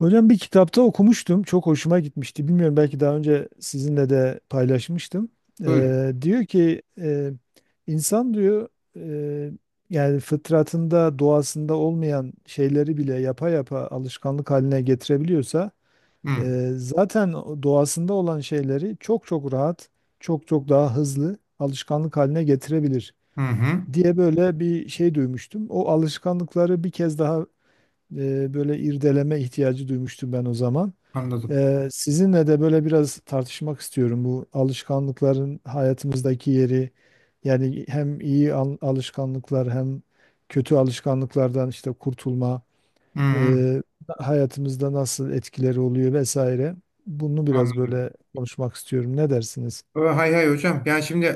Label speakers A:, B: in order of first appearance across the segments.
A: Hocam bir kitapta okumuştum. Çok hoşuma gitmişti. Bilmiyorum, belki daha önce sizinle de paylaşmıştım.
B: Buyurun.
A: Diyor ki insan diyor e, yani fıtratında, doğasında olmayan şeyleri bile yapa yapa alışkanlık haline getirebiliyorsa
B: Hı,
A: zaten o doğasında olan şeyleri çok çok rahat, çok çok daha hızlı alışkanlık haline getirebilir
B: hı, hı.
A: diye böyle bir şey duymuştum. O alışkanlıkları bir kez daha böyle irdeleme ihtiyacı duymuştum ben o zaman.
B: Anladım.
A: Sizinle de böyle biraz tartışmak istiyorum bu alışkanlıkların hayatımızdaki yeri. Yani hem iyi alışkanlıklar hem kötü alışkanlıklardan işte kurtulma,
B: Hı, hı.
A: e, hayatımızda nasıl etkileri oluyor vesaire. Bunu biraz
B: Anladım.
A: böyle konuşmak istiyorum. Ne dersiniz?
B: Hay hay hocam. Yani şimdi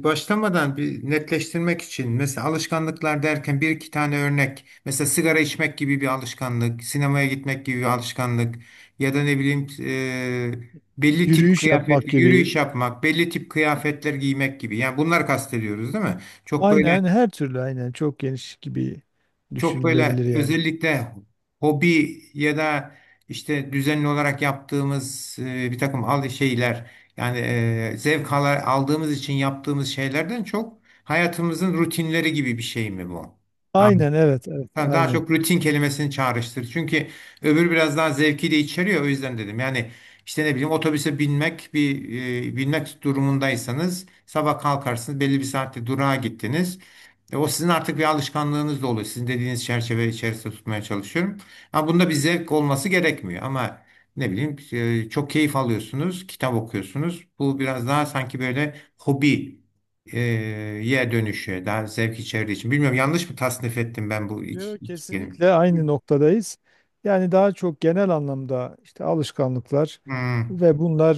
B: başlamadan bir netleştirmek için mesela alışkanlıklar derken bir iki tane örnek. Mesela sigara içmek gibi bir alışkanlık, sinemaya gitmek gibi bir alışkanlık ya da ne bileyim belli tip
A: Yürüyüş
B: kıyafet,
A: yapmak gibi.
B: yürüyüş yapmak, belli tip kıyafetler giymek gibi. Yani bunlar kastediyoruz değil mi? Çok böyle
A: Aynen, her türlü, aynen, çok geniş gibi
B: Çok böyle
A: düşünülebilir yani.
B: özellikle hobi ya da işte düzenli olarak yaptığımız bir takım al şeyler yani zevk ala- aldığımız için yaptığımız şeylerden çok hayatımızın rutinleri gibi bir şey mi bu?
A: Aynen, evet evet,
B: Ha, daha
A: aynen.
B: çok rutin kelimesini çağrıştır. Çünkü öbür biraz daha zevki de içeriyor. O yüzden dedim. Yani işte ne bileyim otobüse binmek bir binmek durumundaysanız sabah kalkarsınız belli bir saatte durağa gittiniz. E, o sizin artık bir alışkanlığınız da oluyor. Sizin dediğiniz çerçeve içerisinde tutmaya çalışıyorum. Ama bunda bir zevk olması gerekmiyor. Ama ne bileyim çok keyif alıyorsunuz, kitap okuyorsunuz. Bu biraz daha sanki böyle hobi e, ye dönüşü daha zevk içerdiği için. Bilmiyorum yanlış mı tasnif ettim ben bu
A: Yo,
B: iki, iki
A: kesinlikle
B: kelime?
A: aynı noktadayız. Yani daha çok genel anlamda işte alışkanlıklar
B: Hmm,
A: ve bunlar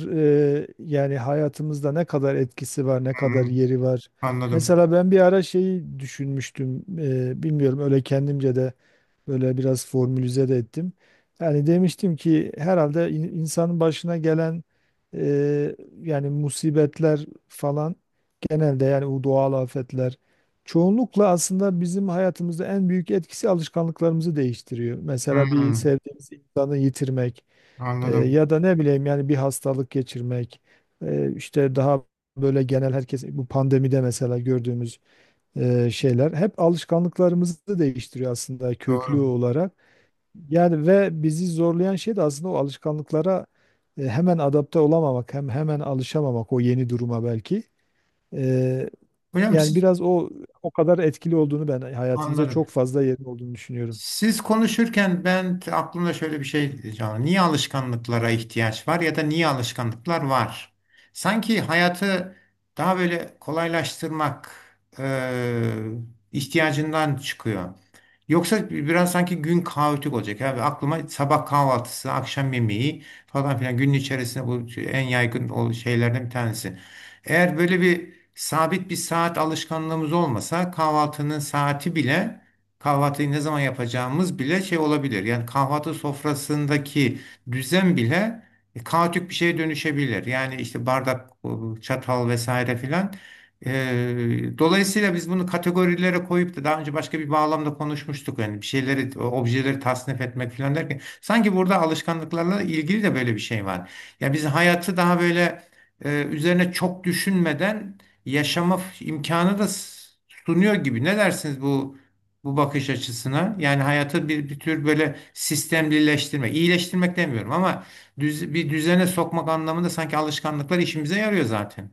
A: yani hayatımızda ne kadar etkisi var, ne kadar
B: hmm,
A: yeri var.
B: anladım.
A: Mesela ben bir ara şeyi düşünmüştüm, bilmiyorum, öyle kendimce de böyle biraz formülize de ettim. Yani demiştim ki herhalde insanın başına gelen e, yani musibetler falan, genelde yani bu doğal afetler, çoğunlukla aslında bizim hayatımızda en büyük etkisi alışkanlıklarımızı değiştiriyor. Mesela bir
B: Hmm,
A: sevdiğimiz insanı yitirmek,
B: anladım.
A: ya da ne bileyim yani bir hastalık geçirmek, işte daha böyle genel herkes bu pandemide mesela gördüğümüz şeyler hep alışkanlıklarımızı da değiştiriyor aslında köklü
B: Doğru.
A: olarak. Yani ve bizi zorlayan şey de aslında o alışkanlıklara hemen adapte olamamak, hemen alışamamak o yeni duruma belki. E,
B: Hocam
A: Yani
B: siz
A: biraz o kadar etkili olduğunu, ben hayatımıza
B: anladım.
A: çok fazla yerin olduğunu düşünüyorum.
B: Siz konuşurken ben aklımda şöyle bir şey canlı. Niye alışkanlıklara ihtiyaç var ya da niye alışkanlıklar var? Sanki hayatı daha böyle kolaylaştırmak e, ihtiyacından çıkıyor. Yoksa biraz sanki gün kaotik olacak. Abi aklıma sabah kahvaltısı, akşam yemeği falan filan günün içerisinde bu en yaygın şeylerden bir tanesi. Eğer böyle bir sabit bir saat alışkanlığımız olmasa kahvaltının saati bile kahvaltıyı ne zaman yapacağımız bile şey olabilir. Yani kahvaltı sofrasındaki düzen bile kaotik bir şeye dönüşebilir. Yani işte bardak, çatal vesaire filan. E, dolayısıyla biz bunu kategorilere koyup da daha önce başka bir bağlamda konuşmuştuk. Yani bir şeyleri, objeleri tasnif etmek filan derken sanki burada alışkanlıklarla ilgili de böyle bir şey var. Yani biz hayatı daha böyle üzerine çok düşünmeden yaşama imkanı da sunuyor gibi. Ne dersiniz bu bakış açısına. Yani hayatı bir, bir tür böyle sistemlileştirmek, iyileştirmek demiyorum ama bir düzene sokmak anlamında sanki alışkanlıklar işimize yarıyor zaten.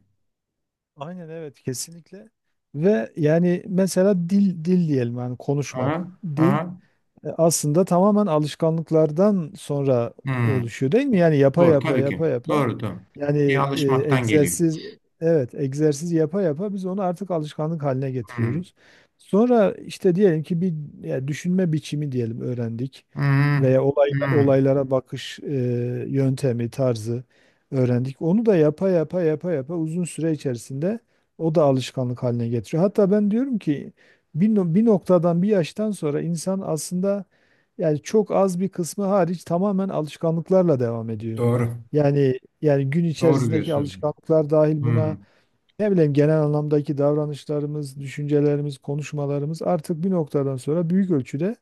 A: Aynen, evet, kesinlikle. Ve yani mesela dil diyelim, yani
B: Aha,
A: konuşmak. Dil
B: aha.
A: Aslında tamamen alışkanlıklardan sonra
B: Hmm.
A: oluşuyor değil mi? Yani yapa
B: Doğru
A: yapa
B: tabii
A: yapa
B: ki.
A: yapa,
B: Doğru.
A: yani
B: Bir şeye alışmaktan geliyor.
A: egzersiz, evet, egzersiz yapa yapa biz onu artık alışkanlık haline
B: Hmm.
A: getiriyoruz. Sonra işte diyelim ki bir, ya düşünme biçimi diyelim, öğrendik
B: Hmm.
A: veya
B: Hmm.
A: olaylara bakış yöntemi, tarzı öğrendik. Onu da yapa yapa yapa yapa uzun süre içerisinde o da alışkanlık haline getiriyor. Hatta ben diyorum ki bir, no- bir noktadan, bir yaştan sonra insan aslında yani çok az bir kısmı hariç tamamen alışkanlıklarla devam ediyor.
B: Doğru.
A: Yani gün
B: Doğru
A: içerisindeki
B: diyorsunuz.
A: alışkanlıklar dahil buna,
B: Hmm.
A: ne bileyim genel anlamdaki davranışlarımız, düşüncelerimiz, konuşmalarımız artık bir noktadan sonra büyük ölçüde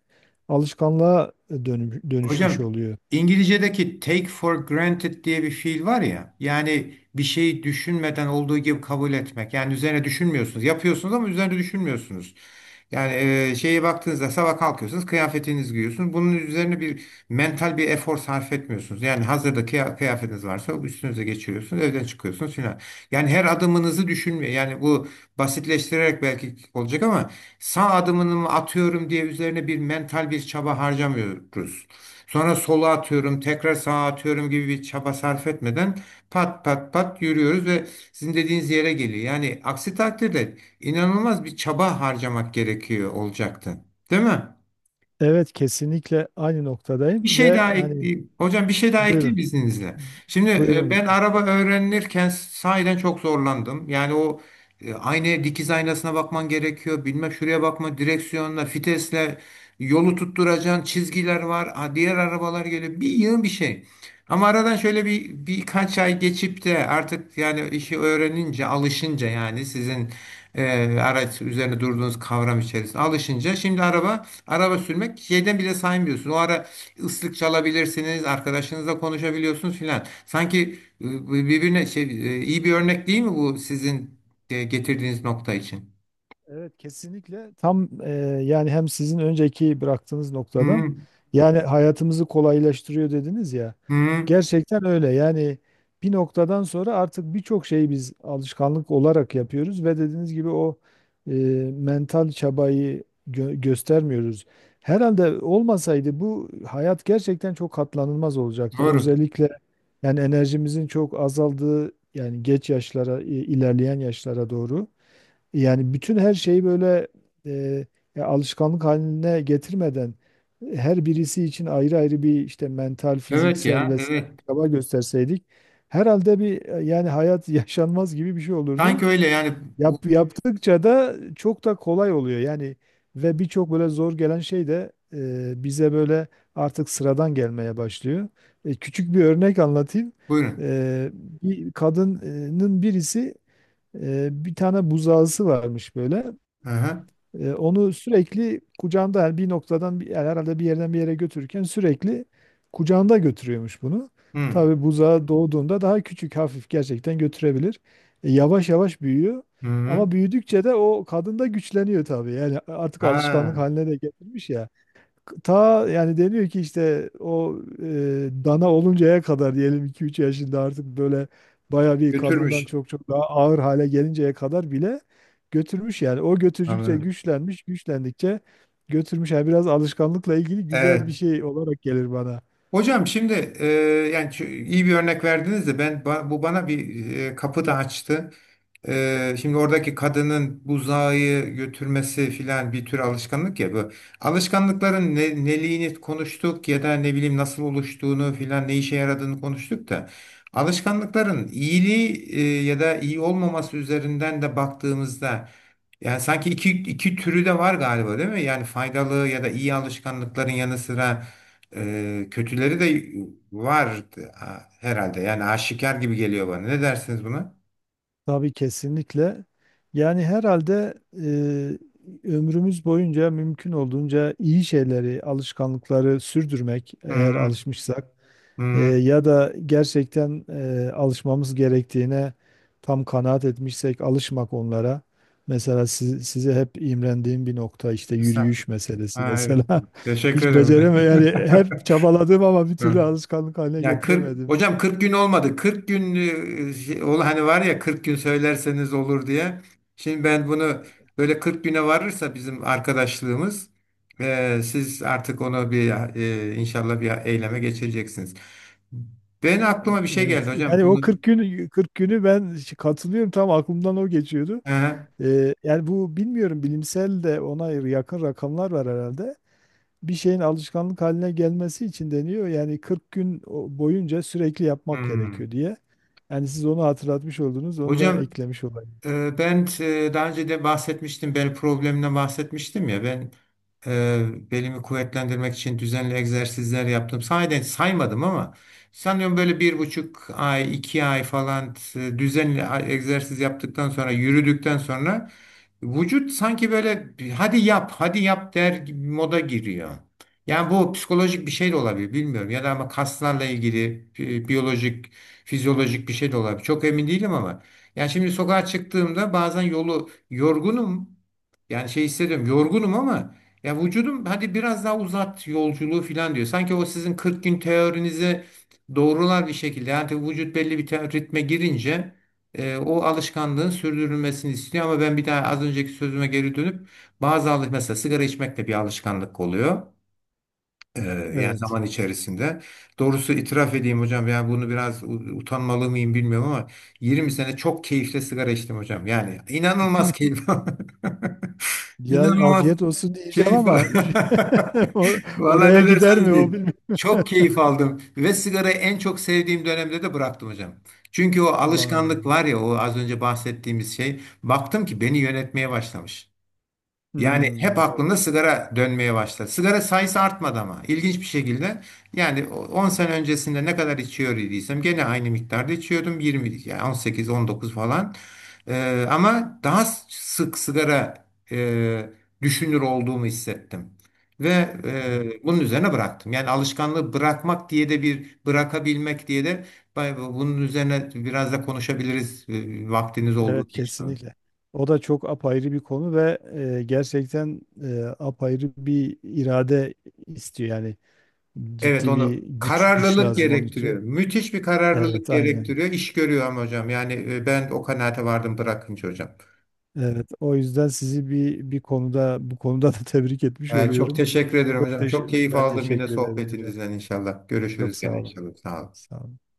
A: alışkanlığa dönüşmüş
B: Hocam
A: oluyor.
B: İngilizce'deki take for granted diye bir fiil var ya yani bir şeyi düşünmeden olduğu gibi kabul etmek yani üzerine düşünmüyorsunuz yapıyorsunuz ama üzerine düşünmüyorsunuz. Yani şeye baktığınızda sabah kalkıyorsunuz kıyafetinizi giyiyorsunuz bunun üzerine bir mental bir efor sarf etmiyorsunuz. Yani hazırda kıya- kıyafetiniz varsa üstünüze geçiriyorsunuz evden çıkıyorsunuz filan. Yani her adımınızı düşünmüyor yani bu basitleştirerek belki olacak ama sağ adımını mı atıyorum diye üzerine bir mental bir çaba harcamıyoruz. Sonra sola atıyorum, tekrar sağa atıyorum gibi bir çaba sarf etmeden pat pat pat yürüyoruz ve sizin dediğiniz yere geliyor. Yani aksi takdirde inanılmaz bir çaba harcamak gerekiyor olacaktı. Değil mi?
A: Evet, kesinlikle aynı noktadayım
B: Bir şey daha
A: ve hani
B: ekleyeyim. Hocam bir şey daha ekleyeyim
A: buyurun.
B: izninizle. Şimdi
A: Buyurun.
B: ben araba öğrenirken sahiden çok zorlandım. Yani o aynaya dikiz aynasına bakman gerekiyor. Bilmem şuraya bakma direksiyonla, fitesle yolu tutturacağın çizgiler var. Ha, diğer arabalar geliyor. Bir yığın bir şey. Ama aradan şöyle bir birkaç ay geçip de artık yani işi öğrenince, alışınca yani sizin araç üzerine durduğunuz kavram içerisinde alışınca şimdi araba sürmek şeyden bile saymıyorsun. O ara ıslık çalabilirsiniz, arkadaşınızla konuşabiliyorsunuz filan. Sanki birbirine iyi bir örnek değil mi bu sizin getirdiğiniz nokta için?
A: Evet, kesinlikle tam yani hem sizin önceki bıraktığınız
B: Hı
A: noktadan,
B: hı.
A: yani hayatımızı kolaylaştırıyor dediniz ya.
B: hı.
A: Gerçekten öyle yani, bir noktadan sonra artık birçok şeyi biz alışkanlık olarak yapıyoruz ve dediğiniz gibi o e, mental çabayı göstermiyoruz. Herhalde olmasaydı bu hayat gerçekten çok katlanılmaz olacaktı.
B: Doğru.
A: Özellikle yani enerjimizin çok azaldığı, yani geç yaşlara, ilerleyen yaşlara doğru. Yani bütün her şeyi böyle e, ya alışkanlık haline getirmeden her birisi için ayrı ayrı bir işte mental,
B: Evet
A: fiziksel
B: ya,
A: vesaire
B: evet.
A: çaba gösterseydik herhalde bir yani hayat yaşanmaz gibi bir şey olurdu.
B: Sanki öyle yani bu,
A: Yaptıkça da çok da kolay oluyor. Yani ve birçok böyle zor gelen şey de bize böyle artık sıradan gelmeye başlıyor. Küçük bir örnek anlatayım.
B: buyurun.
A: E, Bir kadının birisi, bir tane buzağısı varmış böyle.
B: Hı hı.
A: Onu sürekli kucağında, yani yani herhalde bir yerden bir yere götürürken sürekli kucağında götürüyormuş bunu.
B: Hı
A: Tabii buzağı doğduğunda daha küçük, hafif, gerçekten götürebilir. Yavaş yavaş büyüyor.
B: hı. hı.
A: Ama büyüdükçe de o kadın da güçleniyor tabii. Yani artık alışkanlık
B: Ha,
A: haline de getirmiş ya. Ta yani deniyor ki işte o dana oluncaya kadar, diyelim iki üç yaşında, artık böyle baya, bir kadından
B: götürmüş.
A: çok çok daha ağır hale gelinceye kadar bile götürmüş yani. O götürdükçe
B: Anladım.
A: güçlenmiş, güçlendikçe götürmüş. Yani biraz alışkanlıkla ilgili güzel bir
B: Evet.
A: şey olarak gelir bana.
B: Hocam şimdi e, yani iyi bir örnek verdiniz de ben bu bana bir kapı da açtı. E, şimdi oradaki kadının buzağı götürmesi filan bir tür alışkanlık ya bu. Alışkanlıkların ne, neliğini konuştuk ya da ne bileyim nasıl oluştuğunu filan ne işe yaradığını konuştuk da alışkanlıkların iyiliği ya da iyi olmaması üzerinden de baktığımızda yani sanki iki, iki türü de var galiba değil mi? Yani faydalı ya da iyi alışkanlıkların yanı sıra kötüleri de var ha, herhalde. Yani aşikar gibi geliyor bana. Ne dersiniz buna?
A: Tabii, kesinlikle. Yani herhalde ömrümüz boyunca mümkün olduğunca iyi şeyleri, alışkanlıkları sürdürmek,
B: Hı
A: eğer
B: hı.
A: alışmışsak.
B: Hı hı.
A: Ya da gerçekten alışmamız gerektiğine tam kanaat etmişsek alışmak onlara. Mesela size hep imrendiğim bir nokta işte yürüyüş
B: Estağfurullah.
A: meselesi
B: Ha, evet.
A: mesela.
B: Teşekkür
A: Hiç
B: ederim.
A: becereme, yani hep çabaladım ama bir türlü
B: Hı.
A: alışkanlık haline
B: Ya 40
A: getiremedim.
B: hocam 40 gün olmadı. 40 gün ol hani var ya 40 gün söylerseniz olur diye. Şimdi ben bunu böyle 40 güne varırsa bizim arkadaşlığımız siz artık onu bir inşallah bir eyleme geçireceksiniz. Ben aklıma bir şey geldi
A: Evet.
B: hocam.
A: Yani o 40 40 günü ben katılıyorum, tam aklımdan o geçiyordu.
B: Hı hı.
A: Yani bu bilmiyorum, bilimsel de ona yakın rakamlar var herhalde, bir şeyin alışkanlık haline gelmesi için deniyor. Yani 40 gün boyunca sürekli yapmak
B: Hmm.
A: gerekiyor diye. Yani siz onu hatırlatmış oldunuz, onu da
B: Hocam
A: eklemiş olayım.
B: ben daha önce de bahsetmiştim, benim problemimden bahsetmiştim ya ben belimi kuvvetlendirmek için düzenli egzersizler yaptım. Sahiden saymadım ama sanıyorum böyle bir buçuk ay, iki ay falan düzenli egzersiz yaptıktan sonra, yürüdükten sonra vücut sanki böyle bir, hadi yap, hadi yap der gibi moda giriyor. Yani bu psikolojik bir şey de olabilir bilmiyorum ya da ama kaslarla ilgili biyolojik, fizyolojik bir şey de olabilir. Çok emin değilim ama. Yani şimdi sokağa çıktığımda bazen yolu yorgunum. Yani şey hissediyorum yorgunum ama ya vücudum hadi biraz daha uzat yolculuğu falan diyor. Sanki o sizin 40 gün teorinize doğrular bir şekilde. Yani tabii vücut belli bir ritme girince o alışkanlığın sürdürülmesini istiyor. Ama ben bir daha az önceki sözüme geri dönüp bazı alış mesela sigara içmek de bir alışkanlık oluyor. Ee, yani
A: Evet.
B: zaman içerisinde. Doğrusu itiraf edeyim hocam yani bunu biraz utanmalı mıyım bilmiyorum ama 20 sene çok keyifle sigara içtim hocam. Yani inanılmaz keyif.
A: Yani
B: İnanılmaz
A: afiyet olsun diyeceğim
B: keyif.
A: ama o-
B: Vallahi
A: oraya
B: ne
A: gider
B: derseniz
A: mi o,
B: deyin.
A: bilmiyorum.
B: Çok keyif aldım ve sigarayı en çok sevdiğim dönemde de bıraktım hocam. Çünkü o
A: Vay
B: alışkanlık
A: be.
B: var ya o az önce bahsettiğimiz şey baktım ki beni yönetmeye başlamış. Yani
A: Hmm,
B: hep aklımda sigara dönmeye başladı. Sigara sayısı artmadı ama ilginç bir şekilde yani 10 sene öncesinde ne kadar içiyor idiysem gene aynı miktarda içiyordum 20 yani 18 19 falan. Ama daha sık sigara e, düşünür olduğumu hissettim. Ve bunun üzerine bıraktım. Yani alışkanlığı bırakmak diye de bir bırakabilmek diye de bunun üzerine biraz da konuşabiliriz vaktiniz
A: evet,
B: olduğu için.
A: kesinlikle. O da çok apayrı bir konu ve gerçekten apayrı bir irade istiyor, yani
B: Evet
A: ciddi
B: onu
A: bir güç
B: kararlılık
A: lazım onun
B: gerektiriyor.
A: için.
B: Müthiş bir kararlılık
A: Evet, aynen.
B: gerektiriyor. İş görüyor ama hocam. Yani ben o kanaate vardım bırakınca hocam.
A: Evet, o yüzden sizi bir konuda, bu konuda da tebrik etmiş
B: E, çok
A: oluyorum.
B: teşekkür ederim
A: Çok
B: hocam. Çok
A: teşekkür,
B: keyif
A: ben
B: aldım yine
A: teşekkür ederim hocam.
B: sohbetinizden inşallah.
A: Çok
B: Görüşürüz
A: sağ
B: gene
A: olun.
B: inşallah. Sağ olun.
A: Sağ olun.